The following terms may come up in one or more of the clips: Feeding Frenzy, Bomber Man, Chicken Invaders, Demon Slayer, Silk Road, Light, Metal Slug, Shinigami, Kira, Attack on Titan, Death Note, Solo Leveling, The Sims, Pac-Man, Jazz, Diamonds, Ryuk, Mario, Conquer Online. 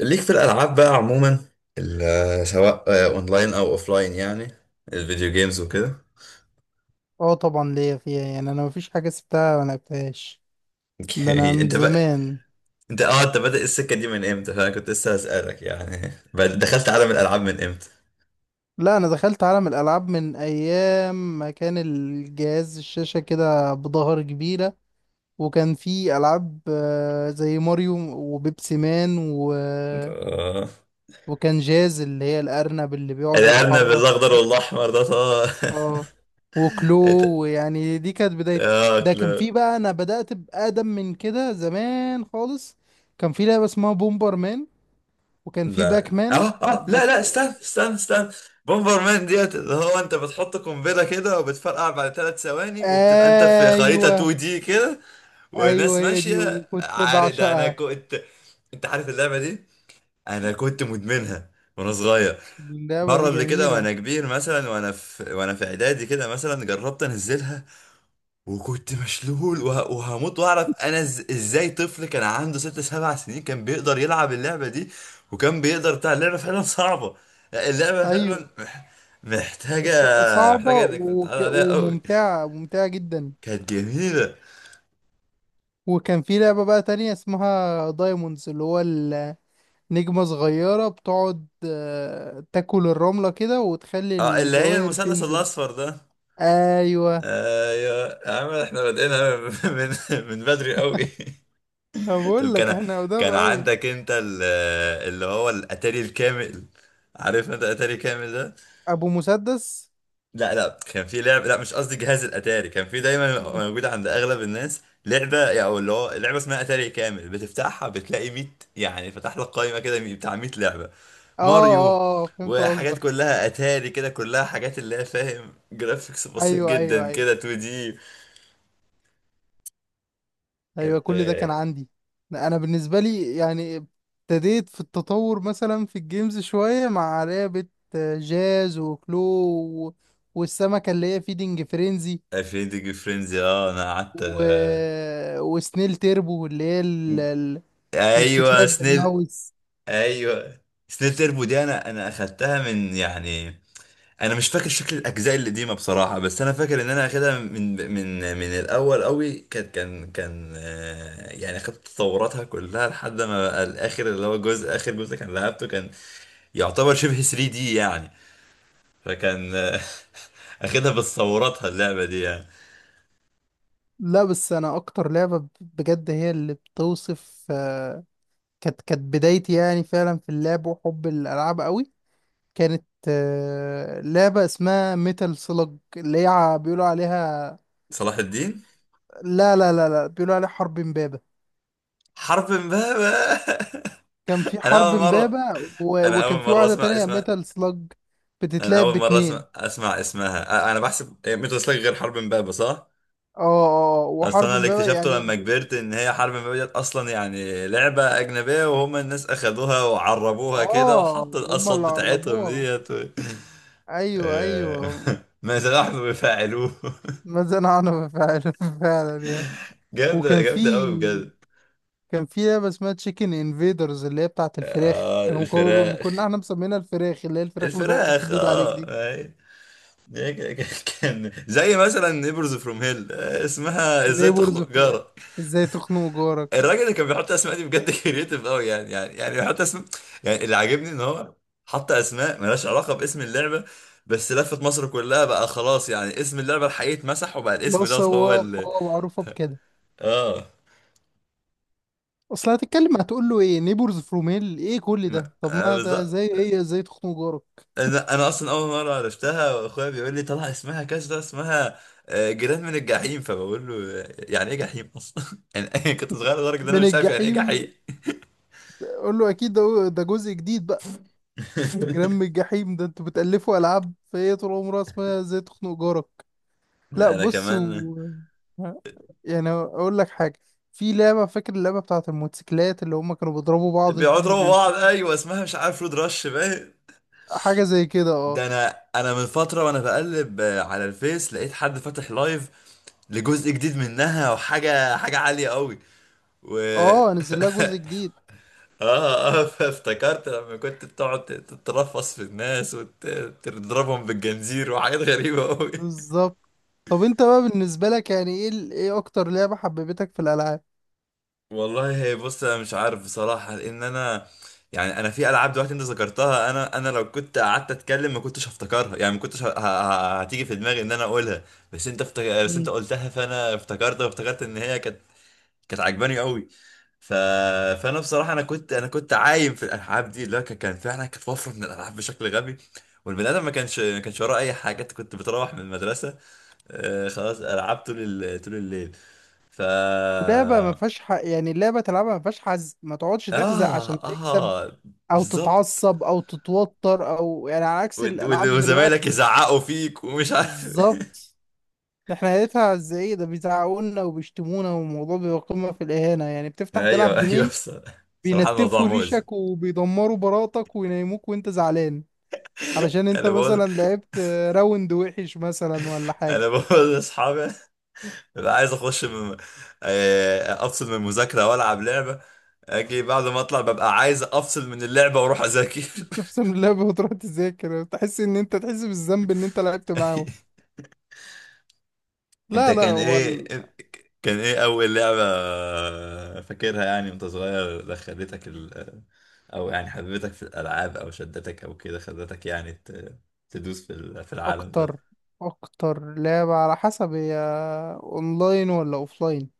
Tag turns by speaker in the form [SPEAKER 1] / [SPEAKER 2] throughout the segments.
[SPEAKER 1] ليك في الالعاب بقى عموما. سواء اونلاين او اوفلاين يعني الفيديو جيمز وكده.
[SPEAKER 2] اه، طبعا ليا فيها يعني انا مفيش حاجه سبتها ما لعبتهاش. ده انا
[SPEAKER 1] اوكي
[SPEAKER 2] من
[SPEAKER 1] انت بقى.
[SPEAKER 2] زمان.
[SPEAKER 1] انت بادئ السكه دي من امتى؟ فانا كنت لسه هسالك يعني. دخلت عالم الالعاب من امتى؟
[SPEAKER 2] لا، انا دخلت عالم الالعاب من ايام ما كان الجهاز الشاشه كده بظهر كبيره، وكان في العاب زي ماريو وبيبسي مان
[SPEAKER 1] اه.
[SPEAKER 2] وكان جاز اللي هي الارنب اللي بيقعد
[SPEAKER 1] الارنب
[SPEAKER 2] يتحرك.
[SPEAKER 1] الاخضر والاحمر ده طبعا.
[SPEAKER 2] اه، وكلو.
[SPEAKER 1] انت
[SPEAKER 2] ويعني دي كانت بدايتي.
[SPEAKER 1] اه
[SPEAKER 2] ده كان
[SPEAKER 1] كلو.
[SPEAKER 2] في بقى، انا بدأت بأقدم من كده زمان خالص. كان في لعبة اسمها بومبر مان، وكان في باك
[SPEAKER 1] لا، اه
[SPEAKER 2] مان
[SPEAKER 1] اه لا لا،
[SPEAKER 2] باك.
[SPEAKER 1] استنى استنى استنى. بومبر مان ديت اللي هو انت بتحط قنبله كده وبتفرقع بعد 3 ثواني وبتبقى انت في خريطه
[SPEAKER 2] ايوه،
[SPEAKER 1] 2 دي كده
[SPEAKER 2] ايوه،
[SPEAKER 1] وناس
[SPEAKER 2] هي دي
[SPEAKER 1] ماشية،
[SPEAKER 2] وكنت
[SPEAKER 1] عارف ده انا
[SPEAKER 2] بعشقها.
[SPEAKER 1] كنت. انت عارف اللعبة دي؟ انا كنت مدمنها وانا صغير.
[SPEAKER 2] اللعبه
[SPEAKER 1] مرة
[SPEAKER 2] دي
[SPEAKER 1] اللي كده
[SPEAKER 2] جميله.
[SPEAKER 1] وانا كبير مثلا وانا في اعدادي كده، مثلا جربت انزلها وكنت مشلول وهموت واعرف انا، ازاي طفل كان عنده ست سبع سنين كان بيقدر يلعب اللعبة دي؟ وكان بيقدر، بتاع اللعبة فعلا صعبة. اللعبة
[SPEAKER 2] ايوه،
[SPEAKER 1] فعلا محتاجة
[SPEAKER 2] صعبه،
[SPEAKER 1] محتاجة. انك تتعود عليها قوي.
[SPEAKER 2] وممتعه ممتعه جدا.
[SPEAKER 1] كانت جميلة.
[SPEAKER 2] وكان في لعبه بقى تانية اسمها دايموندز، اللي هو النجمه صغيره بتقعد تاكل الرمله كده وتخلي
[SPEAKER 1] اه، اللي هي
[SPEAKER 2] الجواهر
[SPEAKER 1] المثلث
[SPEAKER 2] تنزل.
[SPEAKER 1] الاصفر ده.
[SPEAKER 2] ايوه.
[SPEAKER 1] آه يا يا عم، احنا بادئينها من من بدري قوي.
[SPEAKER 2] أنا
[SPEAKER 1] طب
[SPEAKER 2] بقول لك
[SPEAKER 1] كان
[SPEAKER 2] احنا قدام
[SPEAKER 1] كان
[SPEAKER 2] قوي.
[SPEAKER 1] عندك انت اللي هو الاتاري الكامل؟ عارف انت الاتاري كامل ده؟
[SPEAKER 2] ابو مسدس.
[SPEAKER 1] لا لا، كان في لعبه، لا مش قصدي، جهاز الاتاري كان في دايما
[SPEAKER 2] مم.
[SPEAKER 1] موجوده عند اغلب الناس لعبه يعني، او اللي هو لعبه اسمها اتاري كامل، بتفتحها بتلاقي 100. يعني فتح لك قائمه كده بتاع 100 لعبه.
[SPEAKER 2] اه،
[SPEAKER 1] ماريو
[SPEAKER 2] اه، اه، فهمت
[SPEAKER 1] وحاجات
[SPEAKER 2] قصدك.
[SPEAKER 1] كلها اتاري كده، كلها حاجات اللي هي فاهم، جرافيكس بسيط
[SPEAKER 2] ايوه، ايوه،
[SPEAKER 1] جدا
[SPEAKER 2] ايوه.
[SPEAKER 1] كده، 2 دي.
[SPEAKER 2] ايوه،
[SPEAKER 1] كانت
[SPEAKER 2] كل ده كان عندي. انا بالنسبه لي يعني ابتديت في التطور مثلا في الجيمز شويه مع لعبه جاز وكلو، والسمكه اللي هي فيدنج فرينزي،
[SPEAKER 1] 20 ديجري فرينزي. اه انا قعدت
[SPEAKER 2] و... وسنيل تيربو اللي هي اللي
[SPEAKER 1] ايوه
[SPEAKER 2] بتتلعب
[SPEAKER 1] سنيل.
[SPEAKER 2] بالماوس.
[SPEAKER 1] ايوه، سنيل تربو دي انا اخدتها من يعني، انا مش فاكر شكل الاجزاء القديمه بصراحه، بس انا فاكر ان انا اخدها من الاول قوي. كان يعني اخدت تطوراتها كلها لحد ما بقى الاخر، اللي هو جزء اخر جزء كان لعبته كان يعتبر شبه 3 دي يعني. فكان اخدها بتصوراتها اللعبه دي يعني.
[SPEAKER 2] لا، بس انا اكتر لعبه بجد هي اللي بتوصف، كانت بدايتي يعني فعلا في اللعب وحب الالعاب قوي. كانت لعبة اسمها ميتال سلج، اللي هي بيقولوا عليها.
[SPEAKER 1] صلاح الدين.
[SPEAKER 2] لا، لا، لا، لا، بيقولوا عليه حرب امبابة.
[SPEAKER 1] حرب امبابة
[SPEAKER 2] كان في
[SPEAKER 1] انا
[SPEAKER 2] حرب
[SPEAKER 1] اول
[SPEAKER 2] امبابة،
[SPEAKER 1] مره انا اول
[SPEAKER 2] وكان في
[SPEAKER 1] مره
[SPEAKER 2] واحدة
[SPEAKER 1] اسمع
[SPEAKER 2] تانية
[SPEAKER 1] اسمها.
[SPEAKER 2] ميتال سلاج
[SPEAKER 1] انا
[SPEAKER 2] بتتلعب
[SPEAKER 1] اول مره اسمع
[SPEAKER 2] باتنين.
[SPEAKER 1] اسمع اسمها. انا بحسب هي ميتو سلاج غير حرب امبابه صح؟
[SPEAKER 2] اه، اه،
[SPEAKER 1] اصل
[SPEAKER 2] وحرب
[SPEAKER 1] انا اللي
[SPEAKER 2] امبابة
[SPEAKER 1] اكتشفته
[SPEAKER 2] يعني.
[SPEAKER 1] لما كبرت ان هي حرب امبابه ديت اصلا يعني لعبه اجنبيه، وهم الناس اخدوها وعربوها كده
[SPEAKER 2] اه،
[SPEAKER 1] وحطوا
[SPEAKER 2] هما
[SPEAKER 1] الاصوات
[SPEAKER 2] اللي
[SPEAKER 1] بتاعتهم
[SPEAKER 2] عربوها.
[SPEAKER 1] ديت
[SPEAKER 2] ايوه،
[SPEAKER 1] آه،
[SPEAKER 2] ايوه.
[SPEAKER 1] ما نحن بفاعلوه.
[SPEAKER 2] ما زنقنا فعلا، فعلا يعني.
[SPEAKER 1] جامده،
[SPEAKER 2] وكان في،
[SPEAKER 1] جامده قوي بجد.
[SPEAKER 2] كان في لعبة اسمها تشيكن انفيدرز اللي هي بتاعت الفراخ،
[SPEAKER 1] آه
[SPEAKER 2] كانوا
[SPEAKER 1] الفراخ.
[SPEAKER 2] كنا احنا مسمينها الفراخ، اللي هي الفراخ اللي تقعد
[SPEAKER 1] الفراخ
[SPEAKER 2] تبيض عليك
[SPEAKER 1] اه.
[SPEAKER 2] دي.
[SPEAKER 1] أي. كان زي مثلا نيبرز فروم هيل، اسمها ازاي
[SPEAKER 2] نيبورز
[SPEAKER 1] تخنق.
[SPEAKER 2] فراخ، ازاي تخنق جارك.
[SPEAKER 1] الراجل اللي كان بيحط اسماء دي بجد كريتيف قوي يعني، يعني بيحط اسماء. يعني اللي عاجبني ان هو حط اسماء ملهاش علاقه باسم اللعبه، بس لفت مصر كلها بقى خلاص. يعني اسم اللعبه الحقيقي اتمسح وبقى الاسم
[SPEAKER 2] بص،
[SPEAKER 1] دوت
[SPEAKER 2] هو
[SPEAKER 1] هو اللي.
[SPEAKER 2] هو معروفة بكده.
[SPEAKER 1] اه،
[SPEAKER 2] اصل هتتكلم هتقول له ايه؟ نيبورز فروم هيل ايه كل
[SPEAKER 1] م-
[SPEAKER 2] ده؟ طب ما ده
[SPEAKER 1] بالظبط.
[SPEAKER 2] زي هي ازاي تخنق جارك
[SPEAKER 1] انا اصلا اول مره عرفتها واخويا بيقول لي طلع اسمها كذا، اسمها جيران من الجحيم. فبقول له يعني ايه جحيم اصلا؟ يعني أنا كنت صغير لدرجه ان انا
[SPEAKER 2] من
[SPEAKER 1] مش عارف يعني ايه
[SPEAKER 2] الجحيم.
[SPEAKER 1] جحيم.
[SPEAKER 2] قول له اكيد ده، ده جزء جديد بقى. جرام الجحيم ده، انتوا بتألفوا العاب؟ فهي طول عمرها اسمها ازاي تخنق جارك. لا
[SPEAKER 1] انا
[SPEAKER 2] بص،
[SPEAKER 1] كمان.
[SPEAKER 2] يعني اقول لك حاجه. في لعبه، فاكر اللعبه بتاعت الموتوسيكلات اللي هم كانوا بيضربوا بعض
[SPEAKER 1] بيقعدوا
[SPEAKER 2] دي، اللي
[SPEAKER 1] يضربوا بعض
[SPEAKER 2] بيمسك
[SPEAKER 1] ايوه، اسمها مش عارف، رود رش باين.
[SPEAKER 2] حاجه زي كده،
[SPEAKER 1] ده
[SPEAKER 2] اه.
[SPEAKER 1] انا من فتره وانا بقلب على الفيس، لقيت حد فاتح لايف لجزء جديد منها، وحاجه حاجه عاليه قوي. و
[SPEAKER 2] اه، نزل لها جزء جديد.
[SPEAKER 1] اه فافتكرت لما كنت بتقعد تترفص في الناس وتضربهم بالجنزير وحاجات غريبه قوي.
[SPEAKER 2] بالظبط. طب انت بقى بالنسبه لك يعني ايه ايه اكتر لعبه حببتك في الالعاب؟
[SPEAKER 1] والله هي بص، انا مش عارف بصراحه، لان انا يعني انا في العاب دلوقتي انت ذكرتها، انا لو كنت قعدت اتكلم ما كنتش هفتكرها يعني، ما كنتش هتيجي في دماغي ان انا اقولها. بس انت قلتها فانا افتكرت، وافتكرت ان هي كانت عجباني قوي. ف... فانا بصراحه انا كنت عايم في الالعاب دي، اللي هو كان فعلا كانت وفره من الالعاب بشكل غبي، والبني ادم ما كانش وراه اي حاجه. انت كنت بتروح من المدرسه، آه خلاص العاب طول الليل. ف
[SPEAKER 2] لعبة ما فيهاش يعني اللعبة تلعبها ما فيهاش حزق، ما تقعدش تحزق
[SPEAKER 1] اه
[SPEAKER 2] عشان تكسب
[SPEAKER 1] اه
[SPEAKER 2] او
[SPEAKER 1] بالظبط.
[SPEAKER 2] تتعصب او تتوتر، او يعني على عكس الالعاب
[SPEAKER 1] وزمايلك
[SPEAKER 2] دلوقتي.
[SPEAKER 1] يزعقوا فيك ومش عارف
[SPEAKER 2] بالظبط. احنا لقيتها ازاي ده؟ بيزعقولنا وبيشتمونا، والموضوع بيبقى قمة في الإهانة يعني، بتفتح تلعب
[SPEAKER 1] ايوه ايوه،
[SPEAKER 2] جيمين
[SPEAKER 1] بصراحة الموضوع
[SPEAKER 2] بينتفوا
[SPEAKER 1] مؤذي.
[SPEAKER 2] ريشك وبيدمروا براءتك وينيموك وانت زعلان، علشان انت
[SPEAKER 1] انا بقول
[SPEAKER 2] مثلا لعبت راوند وحش مثلا ولا حاجة.
[SPEAKER 1] انا بقول لاصحابي ببقى عايز اخش من... آه، افصل من المذاكره والعب لعبه. اجي بعد ما اطلع ببقى عايز افصل من اللعبه واروح اذاكر.
[SPEAKER 2] تفصل من اللعبة وتروح تذاكر، تحس ان انت تحس بالذنب ان انت لعبت معاهم.
[SPEAKER 1] انت
[SPEAKER 2] لا، لا،
[SPEAKER 1] كان
[SPEAKER 2] هو
[SPEAKER 1] ايه كان ايه اول لعبه فاكرها يعني وانت صغير، دخلتك ال... آه، او يعني حببتك في الالعاب او شدتك او كده، خلتك يعني تدوس في العالم ده.
[SPEAKER 2] اكتر اكتر لعبة على حسب هي اونلاين ولا اوفلاين؟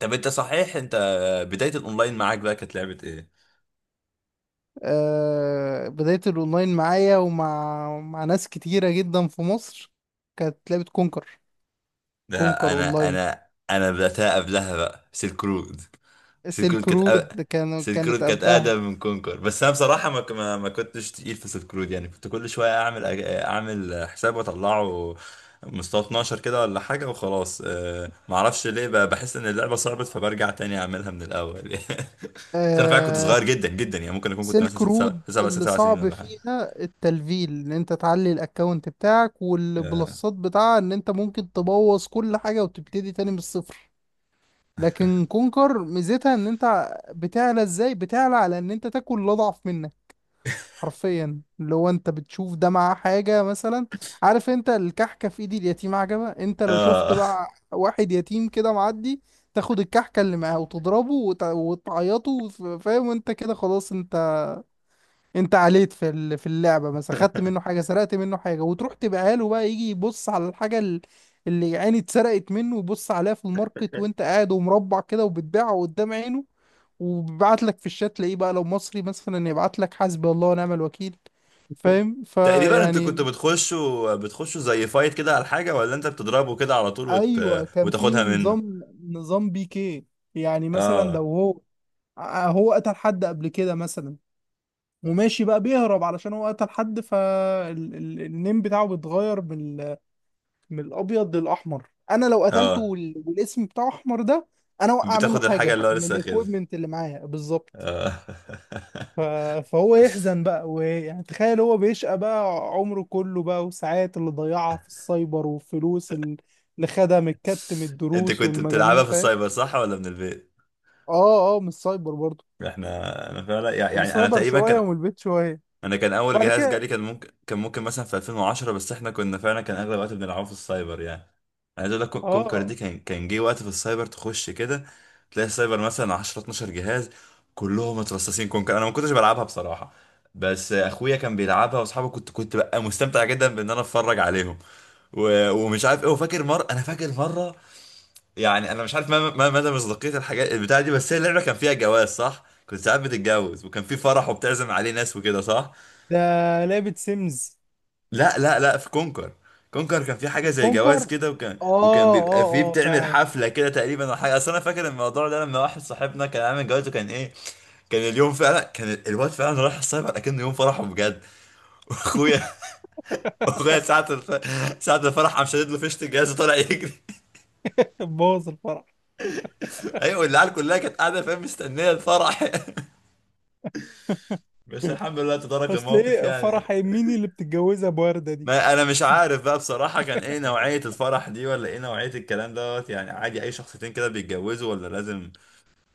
[SPEAKER 1] طب انت، صحيح انت بدايه الاونلاين معاك بقى كانت لعبه ايه؟
[SPEAKER 2] أه، بداية الاونلاين معايا ومع ناس كتيرة جدا في مصر، كانت لعبة كونكر،
[SPEAKER 1] ده
[SPEAKER 2] كونكر
[SPEAKER 1] انا،
[SPEAKER 2] اونلاين.
[SPEAKER 1] انا بداتها قبلها بقى سيلك رود
[SPEAKER 2] سيلك
[SPEAKER 1] كانت
[SPEAKER 2] رود كان
[SPEAKER 1] سيلك
[SPEAKER 2] كانت
[SPEAKER 1] رود كانت
[SPEAKER 2] قبلها.
[SPEAKER 1] اقدم من كونكر، بس انا بصراحه ما ك- ما ما كنتش تقيل في سيلك رود يعني. كنت كل شويه اعمل اعمل حساب واطلعه مستوى 12 كده ولا حاجه، وخلاص ما اعرفش ليه بحس ان اللعبه صعبت، فبرجع تاني اعملها من الاول يعني. بس انا فعلا كنت
[SPEAKER 2] أه،
[SPEAKER 1] صغير جدا جدا يعني، ممكن اكون كنت مثلا
[SPEAKER 2] سيلك
[SPEAKER 1] ست سبع،
[SPEAKER 2] رود
[SPEAKER 1] سبع، ست
[SPEAKER 2] اللي
[SPEAKER 1] سبع سنين
[SPEAKER 2] صعب
[SPEAKER 1] ولا حاجه.
[SPEAKER 2] فيها التلفيل ان انت تعلي الاكونت بتاعك
[SPEAKER 1] اه.
[SPEAKER 2] والبلصات بتاعها، ان انت ممكن تبوظ كل حاجة وتبتدي تاني من الصفر. لكن كونكر ميزتها ان انت بتعلى ازاي؟ بتعلى على ان انت تاكل اللي اضعف منك، حرفيا، اللي هو انت بتشوف ده معاه حاجة مثلا. عارف انت الكحكة في ايد اليتيم عجبة؟ انت لو شفت
[SPEAKER 1] آه.
[SPEAKER 2] بقى واحد يتيم كده معدي، تاخد الكحكة اللي معاه وتضربه، وتعيطه، فاهم؟ انت كده خلاص، انت عليت في في اللعبه مثلا، خدت منه حاجه، سرقت منه حاجه، وتروح تبقى له بقى يجي يبص على الحاجه اللي يعني اتسرقت منه، ويبص عليها في الماركت وانت قاعد ومربع كده وبتبيعها قدام عينه. وبيبعت لك في الشات تلاقيه بقى لو مصري مثلا يبعت لك حسبي الله ونعم الوكيل، فاهم
[SPEAKER 1] تقريبا انتوا كنتوا
[SPEAKER 2] فيعني.
[SPEAKER 1] بتخشوا زي فايت كده على حاجه، ولا انت بتضربه كده على طول
[SPEAKER 2] ايوه، كان في
[SPEAKER 1] وتاخدها منه؟
[SPEAKER 2] نظام بيكي. يعني مثلا لو
[SPEAKER 1] اه
[SPEAKER 2] هو قتل حد قبل كده مثلا وماشي بقى بيهرب علشان هو قتل حد، فالنيم بتاعه بيتغير من الابيض للاحمر. انا لو قتلته
[SPEAKER 1] اه.
[SPEAKER 2] والاسم بتاعه احمر ده، انا اوقع منه
[SPEAKER 1] بتاخد الحاجة
[SPEAKER 2] حاجه
[SPEAKER 1] اللي هو
[SPEAKER 2] من
[SPEAKER 1] لسه اخدها.
[SPEAKER 2] الايكويبمنت اللي معايا بالظبط.
[SPEAKER 1] آه.
[SPEAKER 2] ف... فهو يحزن بقى، ويعني تخيل هو بيشقى بقى عمره كله بقى، وساعات اللي ضيعها في السايبر والفلوس اللي خدها من من
[SPEAKER 1] انت
[SPEAKER 2] الدروس
[SPEAKER 1] كنت
[SPEAKER 2] والمجاميع،
[SPEAKER 1] بتلعبها في
[SPEAKER 2] فاهم؟
[SPEAKER 1] السايبر صح ولا من البيت؟
[SPEAKER 2] اه، اه، من السايبر برضه.
[SPEAKER 1] احنا، انا فعلا يعني
[SPEAKER 2] من
[SPEAKER 1] يعني انا
[SPEAKER 2] السايبر
[SPEAKER 1] تقريبا
[SPEAKER 2] شويه
[SPEAKER 1] كان،
[SPEAKER 2] ومن البيت شويه.
[SPEAKER 1] انا كان اول
[SPEAKER 2] بعد
[SPEAKER 1] جهاز جالي
[SPEAKER 2] كده.
[SPEAKER 1] كان ممكن مثلا في 2010، بس احنا كنا فعلا كان اغلب الوقت بنلعبه في السايبر يعني. عايز اقول لك كونكر دي
[SPEAKER 2] اه.
[SPEAKER 1] كان جه وقت في السايبر تخش كده تلاقي السايبر مثلا 10 12 جهاز كلهم مترصصين كونكر. انا ما كنتش بلعبها بصراحة، بس اخويا كان بيلعبها واصحابي، كنت بقى مستمتع جدا بان انا اتفرج عليهم و... ومش عارف ايه. وفاكر مرة انا فاكر مرة يعني انا مش عارف ما مدى مصداقية الحاجات البتاعة دي، بس هي اللعبة كان فيها جواز صح؟ كنت ساعات بتتجوز وكان في فرح وبتعزم عليه ناس وكده صح؟
[SPEAKER 2] ده لعبة سيمز.
[SPEAKER 1] لا لا لا، في كونكر. كونكر كان في حاجه زي
[SPEAKER 2] كونكر.
[SPEAKER 1] جواز كده، وكان
[SPEAKER 2] اه،
[SPEAKER 1] بيبقى
[SPEAKER 2] اه،
[SPEAKER 1] فيه
[SPEAKER 2] اه،
[SPEAKER 1] بتعمل
[SPEAKER 2] فعلا.
[SPEAKER 1] حفله كده تقريبا او حاجه. اصل انا فاكر الموضوع ده لما واحد صاحبنا كان عامل جواز، وكان ايه، كان اليوم فعلا، كان الواد فعلا رايح السايبر اكنه يوم فرحه بجد واخويا اخويا ساعه الف... ساعه الفرح قام شادد له فيشه الجهاز وطلع يجري
[SPEAKER 2] بوظ الفرح.
[SPEAKER 1] ايوه العيال كلها كانت قاعده، فاهم، مستنيه الفرح بس الحمد لله تدارك
[SPEAKER 2] اصل
[SPEAKER 1] الموقف
[SPEAKER 2] ايه فرح
[SPEAKER 1] يعني.
[SPEAKER 2] مين اللي بتتجوزها بوردة دي؟
[SPEAKER 1] ما انا مش عارف بقى بصراحة كان ايه نوعية الفرح دي، ولا ايه نوعية الكلام دوت يعني. عادي اي شخصيتين كده بيتجوزوا، ولا لازم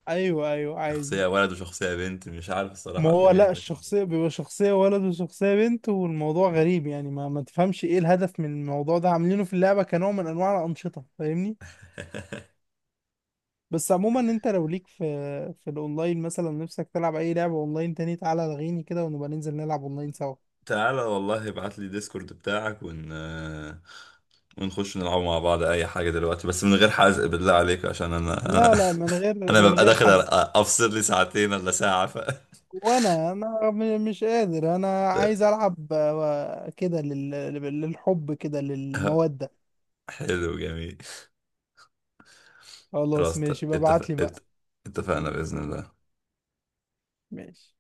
[SPEAKER 2] ايوه، ايوه، عادي.
[SPEAKER 1] شخصية ولد وشخصية بنت؟ مش عارف
[SPEAKER 2] ما
[SPEAKER 1] الصراحة
[SPEAKER 2] هو
[SPEAKER 1] الدنيا
[SPEAKER 2] لا،
[SPEAKER 1] كانت ماشية ازاي.
[SPEAKER 2] الشخصية بيبقى شخصية ولد وشخصية بنت، والموضوع غريب يعني ما تفهمش ايه الهدف من الموضوع ده عاملينه في اللعبة كنوع من انواع الانشطة، فاهمني؟ بس عموما انت لو ليك في الاونلاين مثلا، نفسك تلعب اي لعبة اونلاين تاني، تعالى الغيني كده ونبقى ننزل نلعب اونلاين سوا.
[SPEAKER 1] تعالى والله، ابعت لي ديسكورد بتاعك ونخش نلعب مع بعض أي حاجة دلوقتي، بس من غير حزق بالله عليك، عشان أنا
[SPEAKER 2] لا،
[SPEAKER 1] أنا,
[SPEAKER 2] لا، من غير
[SPEAKER 1] أنا
[SPEAKER 2] من
[SPEAKER 1] ببقى
[SPEAKER 2] غير
[SPEAKER 1] داخل
[SPEAKER 2] حز
[SPEAKER 1] أفصل لي ساعتين ولا ساعة
[SPEAKER 2] وانا مش قادر. انا عايز العب كده للحب كده، للمودة.
[SPEAKER 1] حلو، جميل.
[SPEAKER 2] خلاص
[SPEAKER 1] خلاص
[SPEAKER 2] ماشي بقى، ابعت لي بقى.
[SPEAKER 1] اتفقنا بإذن الله.
[SPEAKER 2] ماشي.